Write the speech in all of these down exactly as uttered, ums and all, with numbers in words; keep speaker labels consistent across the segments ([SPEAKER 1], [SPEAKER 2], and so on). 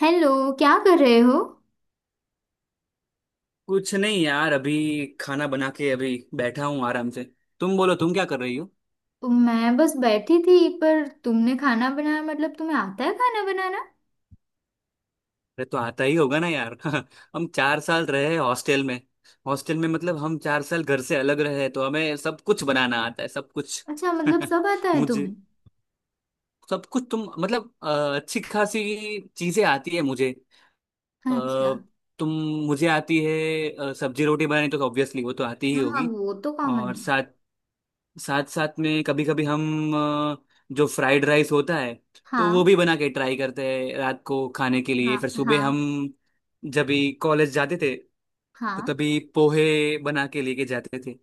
[SPEAKER 1] Hello. क्या कर रहे हो?
[SPEAKER 2] कुछ नहीं यार, अभी खाना बना के अभी बैठा हूँ आराम से। तुम बोलो, तुम क्या कर रही हो।
[SPEAKER 1] मैं बस बैठी थी, पर तुमने खाना बनाया, मतलब तुम्हें आता है खाना बनाना?
[SPEAKER 2] अरे तो आता ही होगा ना यार। हम चार साल रहे हॉस्टल में। हॉस्टल में मतलब हम चार साल घर से अलग रहे, तो हमें सब कुछ बनाना आता है, सब कुछ।
[SPEAKER 1] अच्छा, मतलब सब आता है
[SPEAKER 2] मुझे
[SPEAKER 1] तुम्हें?
[SPEAKER 2] सब कुछ, तुम मतलब अ, अच्छी खासी चीजें आती है मुझे। अ,
[SPEAKER 1] अच्छा।
[SPEAKER 2] तुम मुझे आती है अ, सब्जी रोटी बनानी, तो ऑब्वियसली वो तो आती ही
[SPEAKER 1] हम्म, हाँ
[SPEAKER 2] होगी।
[SPEAKER 1] वो तो कॉमन
[SPEAKER 2] और
[SPEAKER 1] है।
[SPEAKER 2] साथ साथ साथ में कभी कभी हम अ, जो फ्राइड राइस होता है, तो वो
[SPEAKER 1] हाँ।
[SPEAKER 2] भी बना के ट्राई करते हैं रात को खाने के लिए।
[SPEAKER 1] हाँ।
[SPEAKER 2] फिर
[SPEAKER 1] हाँ।
[SPEAKER 2] सुबह हम जब भी कॉलेज जाते थे तो
[SPEAKER 1] हाँ।
[SPEAKER 2] तभी पोहे बना के लेके जाते थे।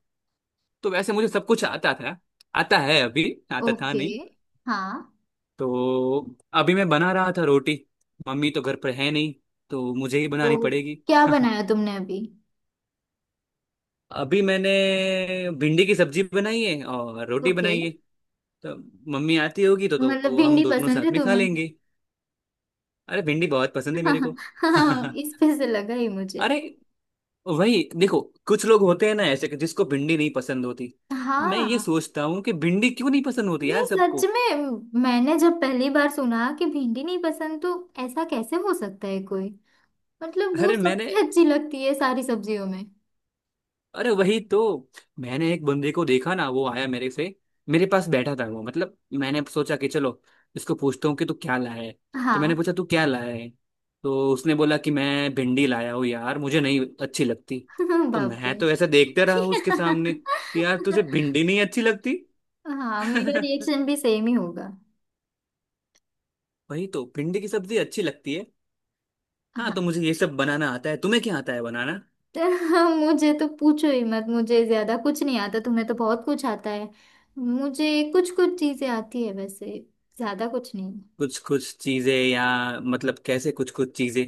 [SPEAKER 2] तो वैसे मुझे सब कुछ आता था, आता है अभी, आता था
[SPEAKER 1] ओके।
[SPEAKER 2] नहीं।
[SPEAKER 1] हाँ
[SPEAKER 2] तो अभी मैं बना रहा था रोटी, मम्मी तो घर पर है नहीं तो मुझे ही बनानी
[SPEAKER 1] तो
[SPEAKER 2] पड़ेगी।
[SPEAKER 1] क्या बनाया तुमने अभी?
[SPEAKER 2] अभी मैंने भिंडी की सब्जी बनाई है और रोटी
[SPEAKER 1] ओके।
[SPEAKER 2] बनाई है। तो मम्मी आती होगी तो
[SPEAKER 1] मतलब
[SPEAKER 2] तो हम
[SPEAKER 1] भिंडी
[SPEAKER 2] दोनों
[SPEAKER 1] पसंद
[SPEAKER 2] साथ
[SPEAKER 1] है
[SPEAKER 2] में खा
[SPEAKER 1] तुम्हें?
[SPEAKER 2] लेंगे। अरे भिंडी बहुत पसंद है मेरे को।
[SPEAKER 1] हाँ, इस पे से लगा ही मुझे।
[SPEAKER 2] अरे वही देखो, कुछ लोग होते हैं ना ऐसे कि जिसको भिंडी नहीं पसंद होती। मैं ये
[SPEAKER 1] हाँ,
[SPEAKER 2] सोचता हूँ कि भिंडी क्यों नहीं पसंद होती यार
[SPEAKER 1] नहीं,
[SPEAKER 2] सबको।
[SPEAKER 1] सच में मैंने जब पहली बार सुना कि भिंडी नहीं पसंद, तो ऐसा कैसे हो सकता है कोई। मतलब वो
[SPEAKER 2] अरे मैंने
[SPEAKER 1] सबसे अच्छी लगती है सारी सब्जियों में।
[SPEAKER 2] अरे वही तो मैंने एक बंदे को देखा ना, वो आया मेरे से, मेरे पास बैठा था वो। मतलब मैंने सोचा कि चलो इसको पूछता हूँ कि तू क्या लाया है। तो मैंने
[SPEAKER 1] हाँ।
[SPEAKER 2] पूछा तू क्या लाया है, तो उसने बोला कि मैं भिंडी लाया हूँ यार, मुझे नहीं अच्छी लगती। तो
[SPEAKER 1] बाप रे।
[SPEAKER 2] मैं तो ऐसा देखते रहा उसके सामने कि यार तुझे भिंडी नहीं अच्छी लगती।
[SPEAKER 1] हाँ, मेरा रिएक्शन भी सेम ही होगा।
[SPEAKER 2] वही तो, भिंडी की सब्जी अच्छी लगती है। हाँ, तो
[SPEAKER 1] हाँ
[SPEAKER 2] मुझे ये सब बनाना आता है, तुम्हें क्या आता है बनाना।
[SPEAKER 1] तो मुझे तो पूछो ही मत, मुझे ज्यादा कुछ नहीं आता, तुम्हें तो बहुत कुछ आता है। मुझे कुछ कुछ चीजें आती है वैसे, ज्यादा कुछ नहीं।
[SPEAKER 2] कुछ कुछ चीजें, या मतलब कैसे कुछ कुछ चीजें।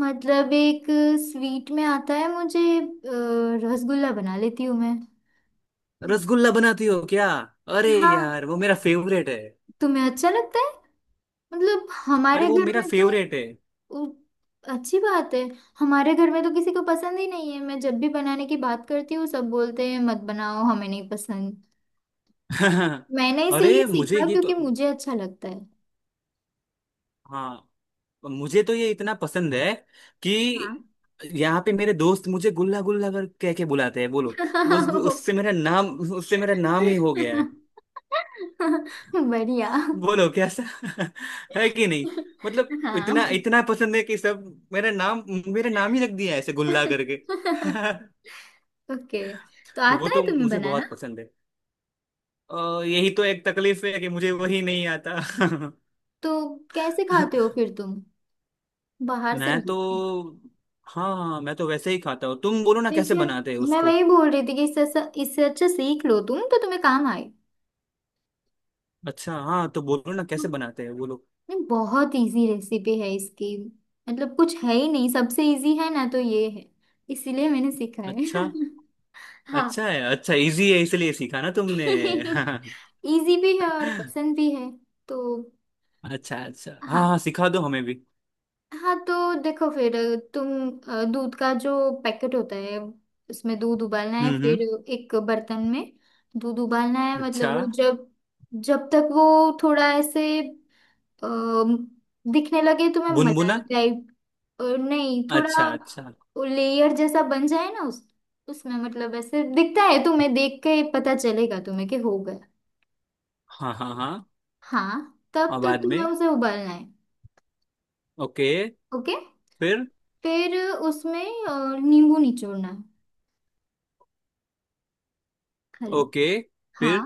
[SPEAKER 1] मतलब एक स्वीट में आता है मुझे, अ, रसगुल्ला बना लेती हूँ मैं।
[SPEAKER 2] रसगुल्ला बनाती हो क्या, अरे
[SPEAKER 1] हाँ।
[SPEAKER 2] यार वो मेरा फेवरेट है।
[SPEAKER 1] तुम्हें अच्छा लगता है? मतलब
[SPEAKER 2] अरे
[SPEAKER 1] हमारे
[SPEAKER 2] वो
[SPEAKER 1] घर
[SPEAKER 2] मेरा
[SPEAKER 1] में तो…
[SPEAKER 2] फेवरेट है।
[SPEAKER 1] उ- अच्छी बात है। हमारे घर में तो किसी को पसंद ही नहीं है, मैं जब भी बनाने की बात करती हूँ सब बोलते हैं मत बनाओ, हमें नहीं पसंद। मैंने इसलिए
[SPEAKER 2] अरे मुझे
[SPEAKER 1] सीखा
[SPEAKER 2] ये तो,
[SPEAKER 1] क्योंकि मुझे अच्छा लगता है।
[SPEAKER 2] हाँ मुझे तो ये इतना पसंद है कि
[SPEAKER 1] हाँ।
[SPEAKER 2] यहाँ पे मेरे दोस्त मुझे गुल्ला गुल्ला कर कह के बुलाते हैं बोलो। उस उससे मेरा नाम, उससे मेरा नाम ही हो गया है।
[SPEAKER 1] हाँ बढ़िया।
[SPEAKER 2] बोलो कैसा है कि नहीं। मतलब इतना
[SPEAKER 1] हाँ।
[SPEAKER 2] इतना पसंद है कि सब मेरा नाम, मेरा नाम ही रख दिया है ऐसे गुल्ला करके।
[SPEAKER 1] हाँ। ओके। तो
[SPEAKER 2] वो
[SPEAKER 1] आता है
[SPEAKER 2] तो
[SPEAKER 1] तुम्हें
[SPEAKER 2] मुझे बहुत
[SPEAKER 1] बनाना?
[SPEAKER 2] पसंद है। अ, यही तो एक तकलीफ है कि मुझे वही नहीं आता।
[SPEAKER 1] तो कैसे खाते हो फिर तुम, बाहर से
[SPEAKER 2] मैं तो,
[SPEAKER 1] लाके?
[SPEAKER 2] हाँ हाँ मैं तो वैसे ही खाता हूँ, तुम बोलो ना
[SPEAKER 1] तो
[SPEAKER 2] कैसे
[SPEAKER 1] इससे…
[SPEAKER 2] बनाते हैं
[SPEAKER 1] मैं
[SPEAKER 2] उसको।
[SPEAKER 1] वही बोल रही थी कि इससे अच्छा- इससे अच्छा सीख लो तुम, तो तुम्हें काम आए।
[SPEAKER 2] अच्छा हाँ, तो बोलो ना
[SPEAKER 1] हाँ,
[SPEAKER 2] कैसे बनाते हैं बोलो।
[SPEAKER 1] नहीं बहुत इजी रेसिपी है इसकी। मतलब कुछ है ही नहीं, सबसे इजी है ना तो ये है। इसीलिए मैंने सीखा है।
[SPEAKER 2] अच्छा,
[SPEAKER 1] हाँ।
[SPEAKER 2] अच्छा है, अच्छा इजी है इसलिए सीखा ना तुमने।
[SPEAKER 1] इजी भी है और पसंद भी है। तो
[SPEAKER 2] अच्छा अच्छा, हाँ
[SPEAKER 1] हाँ।
[SPEAKER 2] हाँ सिखा दो हमें भी।
[SPEAKER 1] हाँ तो देखो फिर तुम, अ, दूध का जो पैकेट होता है उसमें दूध उबालना है।
[SPEAKER 2] हम्म
[SPEAKER 1] फिर
[SPEAKER 2] हम्म।
[SPEAKER 1] एक बर्तन में दूध उबालना है,
[SPEAKER 2] अच्छा,
[SPEAKER 1] मतलब वो जब जब तक वो थोड़ा ऐसे अम, दिखने लगे तुम्हें,
[SPEAKER 2] बुनबुना।
[SPEAKER 1] मलाई टाइप। नहीं,
[SPEAKER 2] अच्छा
[SPEAKER 1] थोड़ा
[SPEAKER 2] अच्छा,
[SPEAKER 1] लेयर जैसा बन जाए ना उस उसमें, मतलब ऐसे दिखता है, तुम्हें देख के पता चलेगा तुम्हें कि हो गया।
[SPEAKER 2] हाँ हाँ हाँ।
[SPEAKER 1] हाँ, तब
[SPEAKER 2] और
[SPEAKER 1] तक
[SPEAKER 2] बाद में
[SPEAKER 1] तुम्हें उसे उबालना है।
[SPEAKER 2] ओके।
[SPEAKER 1] ओके।
[SPEAKER 2] फिर,
[SPEAKER 1] फिर उसमें अ, नींबू निचोड़ना है। हेलो।
[SPEAKER 2] ओके, फिर
[SPEAKER 1] हाँ।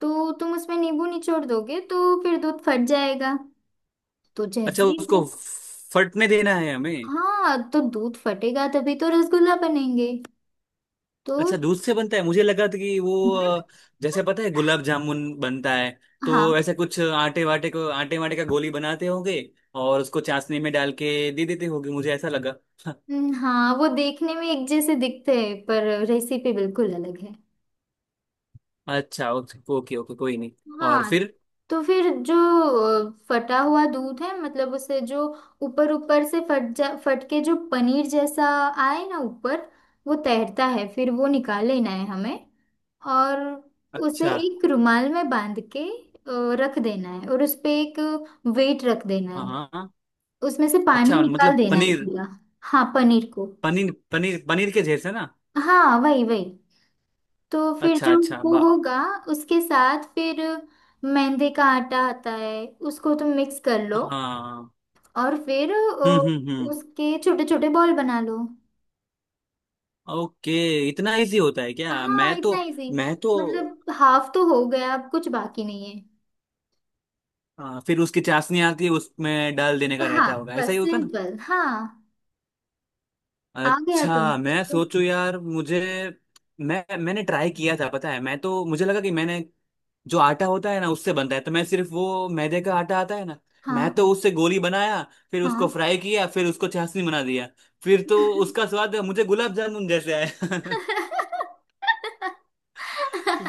[SPEAKER 1] तो तुम उसमें नींबू निचोड़ दोगे तो फिर दूध फट जाएगा। तो
[SPEAKER 2] अच्छा,
[SPEAKER 1] जैसे ही
[SPEAKER 2] उसको
[SPEAKER 1] दूध…
[SPEAKER 2] फटने देना है हमें।
[SPEAKER 1] हाँ, तो दूध फटेगा तभी तो रसगुल्ला बनेंगे। तो
[SPEAKER 2] अच्छा, दूध से बनता है, मुझे लगा था कि वो अ, जैसे पता है गुलाब जामुन बनता है, तो
[SPEAKER 1] हाँ।
[SPEAKER 2] ऐसे कुछ आटे वाटे को आटे वाटे का गोली बनाते होंगे और उसको चाशनी में डाल के दे देते होंगे, मुझे ऐसा लगा।
[SPEAKER 1] हम्म, हाँ वो देखने में एक जैसे दिखते हैं पर रेसिपी बिल्कुल अलग है।
[SPEAKER 2] अच्छा ओके ओके ओके, कोई नहीं। और
[SPEAKER 1] हाँ।
[SPEAKER 2] फिर
[SPEAKER 1] तो फिर जो अ, फटा हुआ दूध है, मतलब उसे जो ऊपर ऊपर से फट जा फट के जो पनीर जैसा आए ना ऊपर, वो तैरता है, फिर वो निकाल लेना है हमें। और उसे
[SPEAKER 2] अच्छा,
[SPEAKER 1] एक रुमाल में बांध के अ, रख देना है, और उस पे एक वेट रख देना
[SPEAKER 2] हाँ
[SPEAKER 1] है।
[SPEAKER 2] हाँ हाँ।
[SPEAKER 1] उसमें से पानी
[SPEAKER 2] अच्छा
[SPEAKER 1] निकाल
[SPEAKER 2] मतलब
[SPEAKER 1] देना है
[SPEAKER 2] पनीर,
[SPEAKER 1] पूरा। हाँ पनीर को।
[SPEAKER 2] पनीर पनीर पनीर के जैसे ना।
[SPEAKER 1] हाँ, वही वही। तो फिर
[SPEAKER 2] अच्छा
[SPEAKER 1] जो
[SPEAKER 2] अच्छा
[SPEAKER 1] वो
[SPEAKER 2] बा,
[SPEAKER 1] होगा उसके साथ फिर मैदे का आटा आता है, उसको तुम मिक्स कर लो।
[SPEAKER 2] हाँ।
[SPEAKER 1] और फिर
[SPEAKER 2] हम्म
[SPEAKER 1] अ,
[SPEAKER 2] हम्म हम्म।
[SPEAKER 1] उसके छोटे छोटे बॉल बना लो।
[SPEAKER 2] ओके, इतना इजी होता है क्या?
[SPEAKER 1] हाँ
[SPEAKER 2] मैं तो,
[SPEAKER 1] इतना इजी।
[SPEAKER 2] मैं तो,
[SPEAKER 1] मतलब हाफ तो हो गया, अब कुछ बाकी नहीं है।
[SPEAKER 2] हाँ। फिर उसकी चाशनी आती है, उसमें डाल देने का रहता
[SPEAKER 1] हाँ
[SPEAKER 2] होगा, ऐसा ही
[SPEAKER 1] बस
[SPEAKER 2] होगा ना।
[SPEAKER 1] सिंपल। हाँ आ गया, तुम
[SPEAKER 2] अच्छा, मैं
[SPEAKER 1] देखो।
[SPEAKER 2] सोचू यार, मुझे, मैं मैंने ट्राई किया था पता है। मैं तो, मुझे लगा कि मैंने जो आटा होता है ना उससे बनता है, तो मैं सिर्फ वो मैदे का आटा आता है ना, मैं
[SPEAKER 1] हाँ।
[SPEAKER 2] तो उससे गोली बनाया, फिर उसको
[SPEAKER 1] हाँ
[SPEAKER 2] फ्राई किया, फिर उसको चाशनी बना दिया। फिर तो उसका स्वाद मुझे गुलाब जामुन जैसे आया।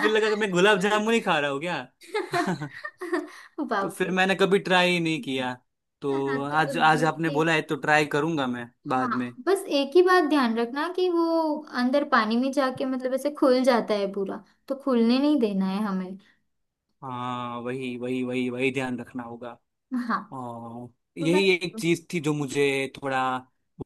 [SPEAKER 2] फिर लगा कि मैं गुलाब जामुन ही खा रहा हूँ क्या। तो
[SPEAKER 1] बाप
[SPEAKER 2] फिर
[SPEAKER 1] रे।
[SPEAKER 2] मैंने कभी ट्राई ही नहीं किया।
[SPEAKER 1] हाँ
[SPEAKER 2] तो
[SPEAKER 1] तो वो
[SPEAKER 2] आज, आज
[SPEAKER 1] दूध
[SPEAKER 2] आपने
[SPEAKER 1] के…
[SPEAKER 2] बोला है तो ट्राई करूंगा मैं बाद में।
[SPEAKER 1] हाँ, बस एक ही बात ध्यान रखना कि वो अंदर पानी में जाके मतलब ऐसे खुल जाता है पूरा, तो खुलने नहीं देना है हमें।
[SPEAKER 2] हाँ वही वही वही वही ध्यान रखना होगा।
[SPEAKER 1] हाँ।
[SPEAKER 2] और
[SPEAKER 1] तो
[SPEAKER 2] यही
[SPEAKER 1] बस।
[SPEAKER 2] एक चीज थी जो मुझे थोड़ा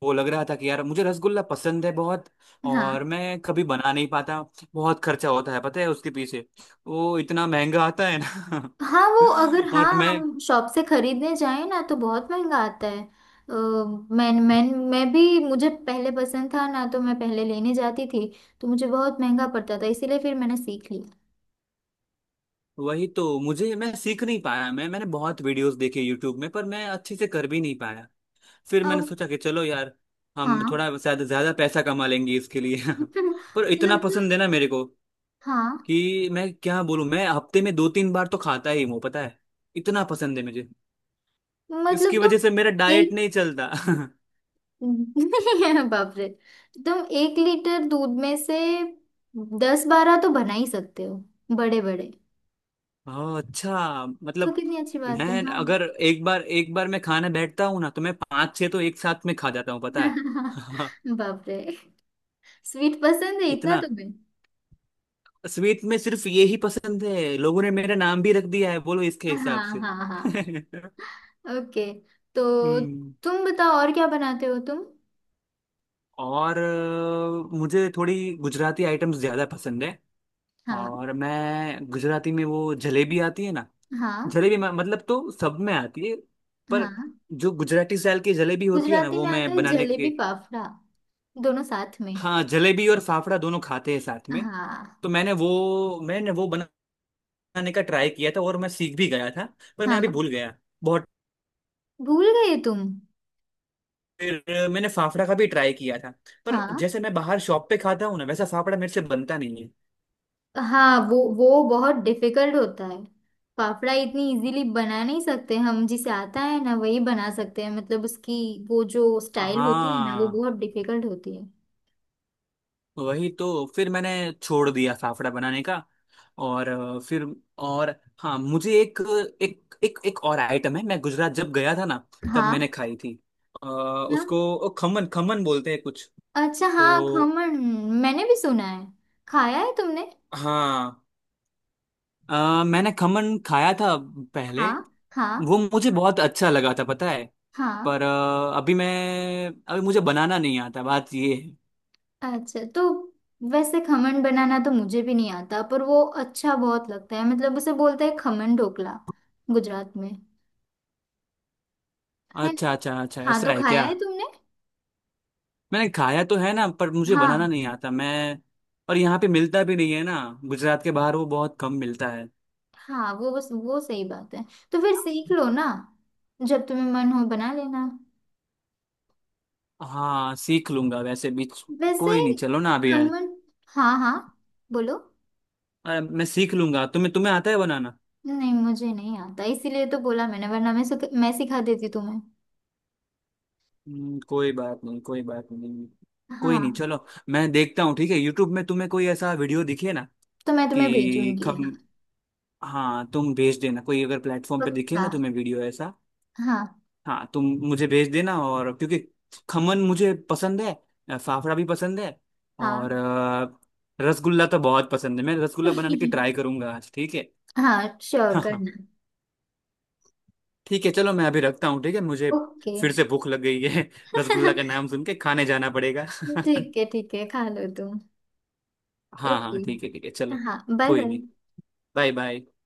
[SPEAKER 2] वो लग रहा था कि यार मुझे रसगुल्ला पसंद है बहुत, और
[SPEAKER 1] हाँ।
[SPEAKER 2] मैं कभी बना नहीं पाता। बहुत खर्चा होता है पता है उसके पीछे, वो इतना महंगा आता है ना।
[SPEAKER 1] हाँ वो अगर… हाँ
[SPEAKER 2] और मैं,
[SPEAKER 1] हम शॉप से खरीदने जाएं ना तो बहुत महंगा आता है। अ, मैं मैं मैं भी, मुझे पहले पसंद था ना तो मैं पहले लेने जाती थी, तो मुझे बहुत महंगा पड़ता था, इसीलिए फिर मैंने सीख लिया।
[SPEAKER 2] वही तो, मुझे, मैं सीख नहीं पाया। मैं मैंने बहुत वीडियोस देखे यूट्यूब में, पर मैं अच्छे से कर भी नहीं पाया। फिर मैंने
[SPEAKER 1] अब
[SPEAKER 2] सोचा कि चलो यार हम
[SPEAKER 1] हाँ।
[SPEAKER 2] थोड़ा शायद ज्यादा पैसा कमा लेंगे इसके लिए। पर इतना
[SPEAKER 1] मतलब
[SPEAKER 2] पसंद है
[SPEAKER 1] तो
[SPEAKER 2] ना मेरे को,
[SPEAKER 1] हाँ,
[SPEAKER 2] कि मैं क्या बोलूं, मैं हफ्ते में दो तीन बार तो खाता ही हूँ पता है। इतना पसंद है मुझे,
[SPEAKER 1] मतलब
[SPEAKER 2] इसकी
[SPEAKER 1] तो
[SPEAKER 2] वजह से मेरा डाइट
[SPEAKER 1] एक…
[SPEAKER 2] नहीं चलता।
[SPEAKER 1] बाप रे, तुम एक लीटर दूध में से दस बारह तो बना ही सकते हो, बड़े बड़े।
[SPEAKER 2] ओह अच्छा,
[SPEAKER 1] तो
[SPEAKER 2] मतलब
[SPEAKER 1] कितनी अच्छी बात है।
[SPEAKER 2] मैं
[SPEAKER 1] हाँ।
[SPEAKER 2] अगर एक बार, एक बार मैं खाने बैठता हूँ ना तो मैं पांच छह तो एक साथ में खा जाता हूँ पता है।
[SPEAKER 1] बाप रे, स्वीट पसंद है इतना
[SPEAKER 2] इतना।
[SPEAKER 1] तुम्हें?
[SPEAKER 2] स्वीट में सिर्फ ये ही पसंद है, लोगों ने मेरा नाम भी रख दिया है बोलो इसके हिसाब
[SPEAKER 1] हाँ
[SPEAKER 2] से।
[SPEAKER 1] हाँ हाँ। ओके। तो
[SPEAKER 2] हम्म।
[SPEAKER 1] तुम बताओ और क्या बनाते हो तुम।
[SPEAKER 2] और अ, मुझे थोड़ी गुजराती आइटम्स ज़्यादा पसंद है,
[SPEAKER 1] हाँ
[SPEAKER 2] और मैं, गुजराती में वो जलेबी आती है ना।
[SPEAKER 1] हाँ
[SPEAKER 2] जलेबी म- मतलब तो सब में आती है, पर
[SPEAKER 1] हाँ।
[SPEAKER 2] जो गुजराती स्टाइल की जलेबी होती है ना
[SPEAKER 1] गुजराती
[SPEAKER 2] वो
[SPEAKER 1] में आता
[SPEAKER 2] मैं
[SPEAKER 1] है
[SPEAKER 2] बनाने
[SPEAKER 1] जलेबी
[SPEAKER 2] के।
[SPEAKER 1] फाफड़ा दोनों साथ में।
[SPEAKER 2] हाँ जलेबी और फाफड़ा दोनों खाते हैं साथ में।
[SPEAKER 1] हाँ।
[SPEAKER 2] तो मैंने वो मैंने वो बनाने का ट्राई किया था और मैं सीख भी गया था, पर मैं अभी
[SPEAKER 1] हाँ
[SPEAKER 2] भूल गया बहुत।
[SPEAKER 1] भूल गए तुम?
[SPEAKER 2] फिर मैंने फाफड़ा का भी ट्राई किया था, पर
[SPEAKER 1] हाँ।
[SPEAKER 2] जैसे मैं बाहर शॉप पे खाता हूँ ना वैसा फाफड़ा मेरे से बनता नहीं है।
[SPEAKER 1] हाँ वो वो बहुत डिफिकल्ट होता है। फाफड़ा इतनी इजीली बना नहीं सकते हम, जिसे आता है ना वही बना सकते हैं, मतलब उसकी वो जो स्टाइल होती है ना वो
[SPEAKER 2] हाँ,
[SPEAKER 1] बहुत डिफिकल्ट होती है।
[SPEAKER 2] वही तो फिर मैंने छोड़ दिया फाफड़ा बनाने का। और अ, फिर, और, हाँ, मुझे एक, एक एक एक और आइटम है, मैं गुजरात जब गया था ना तब मैंने
[SPEAKER 1] हाँ।
[SPEAKER 2] खाई थी। अ, उसको ओ, खमन खमन बोलते हैं कुछ
[SPEAKER 1] अच्छा हाँ,
[SPEAKER 2] तो।
[SPEAKER 1] खमण। मैंने भी सुना है। खाया है तुमने?
[SPEAKER 2] हाँ अ, मैंने खमन खाया था पहले।
[SPEAKER 1] हाँ
[SPEAKER 2] वो
[SPEAKER 1] हाँ
[SPEAKER 2] मुझे बहुत अच्छा लगा था पता है।
[SPEAKER 1] हाँ।
[SPEAKER 2] पर अ, अभी मैं अभी मुझे बनाना नहीं आता, बात ये है।
[SPEAKER 1] अच्छा तो… वैसे खमण बनाना तो मुझे भी नहीं आता, पर वो अच्छा बहुत लगता है, मतलब उसे बोलते हैं खमण ढोकला गुजरात में। है
[SPEAKER 2] अच्छा
[SPEAKER 1] ना।
[SPEAKER 2] अच्छा अच्छा,
[SPEAKER 1] हाँ,
[SPEAKER 2] ऐसा
[SPEAKER 1] तो
[SPEAKER 2] है
[SPEAKER 1] खाया
[SPEAKER 2] क्या।
[SPEAKER 1] है तुमने?
[SPEAKER 2] मैंने खाया तो है ना, पर मुझे बनाना
[SPEAKER 1] हाँ।
[SPEAKER 2] नहीं आता मैं, और यहाँ पे मिलता भी नहीं है ना, गुजरात के बाहर वो बहुत कम मिलता है।
[SPEAKER 1] हाँ वो, बस वो सही बात है। तो फिर सीख लो ना, जब तुम्हें मन हो बना लेना।
[SPEAKER 2] हाँ सीख लूंगा वैसे भी।
[SPEAKER 1] वैसे
[SPEAKER 2] कोई नहीं चलो ना अभी मैं,
[SPEAKER 1] खमण। हाँ हाँ। बोलो।
[SPEAKER 2] अ, मैं सीख लूंगा, तुम्हें, तुम्हें आता है बनाना।
[SPEAKER 1] नहीं, मुझे नहीं आता इसीलिए तो बोला मैंने, वरना मैं सुख- मैं सिखा देती तुम्हें।
[SPEAKER 2] हम्म, कोई बात नहीं, कोई बात नहीं। कोई नहीं
[SPEAKER 1] हाँ।
[SPEAKER 2] चलो, मैं देखता हूँ ठीक है, यूट्यूब में तुम्हें कोई ऐसा वीडियो दिखे ना
[SPEAKER 1] तो मैं तुम्हें
[SPEAKER 2] कि
[SPEAKER 1] भेजूंगी,
[SPEAKER 2] खम,
[SPEAKER 1] हाँ,
[SPEAKER 2] हाँ तुम भेज देना कोई अगर प्लेटफॉर्म पे दिखे
[SPEAKER 1] पक्का।
[SPEAKER 2] ना तुम्हें वीडियो ऐसा।
[SPEAKER 1] हाँ।
[SPEAKER 2] हाँ तुम मुझे भेज देना, और क्योंकि खमन मुझे पसंद है, अ, फाफड़ा भी पसंद है, और
[SPEAKER 1] हाँ।
[SPEAKER 2] अ, रसगुल्ला तो बहुत पसंद है, मैं रसगुल्ला बनाने की ट्राई करूंगा आज, ठीक है।
[SPEAKER 1] हाँ, श्योर
[SPEAKER 2] हाँ हाँ
[SPEAKER 1] करना।
[SPEAKER 2] ठीक है चलो, मैं अभी रखता हूँ, ठीक है, मुझे
[SPEAKER 1] ओके।
[SPEAKER 2] फिर से भूख लग गई है। रसगुल्ला का नाम सुन के खाने जाना पड़ेगा।
[SPEAKER 1] ठीक है ठीक है, खा लो तुम।
[SPEAKER 2] हाँ
[SPEAKER 1] ओके।
[SPEAKER 2] हाँ, ठीक है ठीक है चलो।
[SPEAKER 1] हाँ, बाय
[SPEAKER 2] कोई
[SPEAKER 1] बाय।
[SPEAKER 2] नहीं, बाय बाय।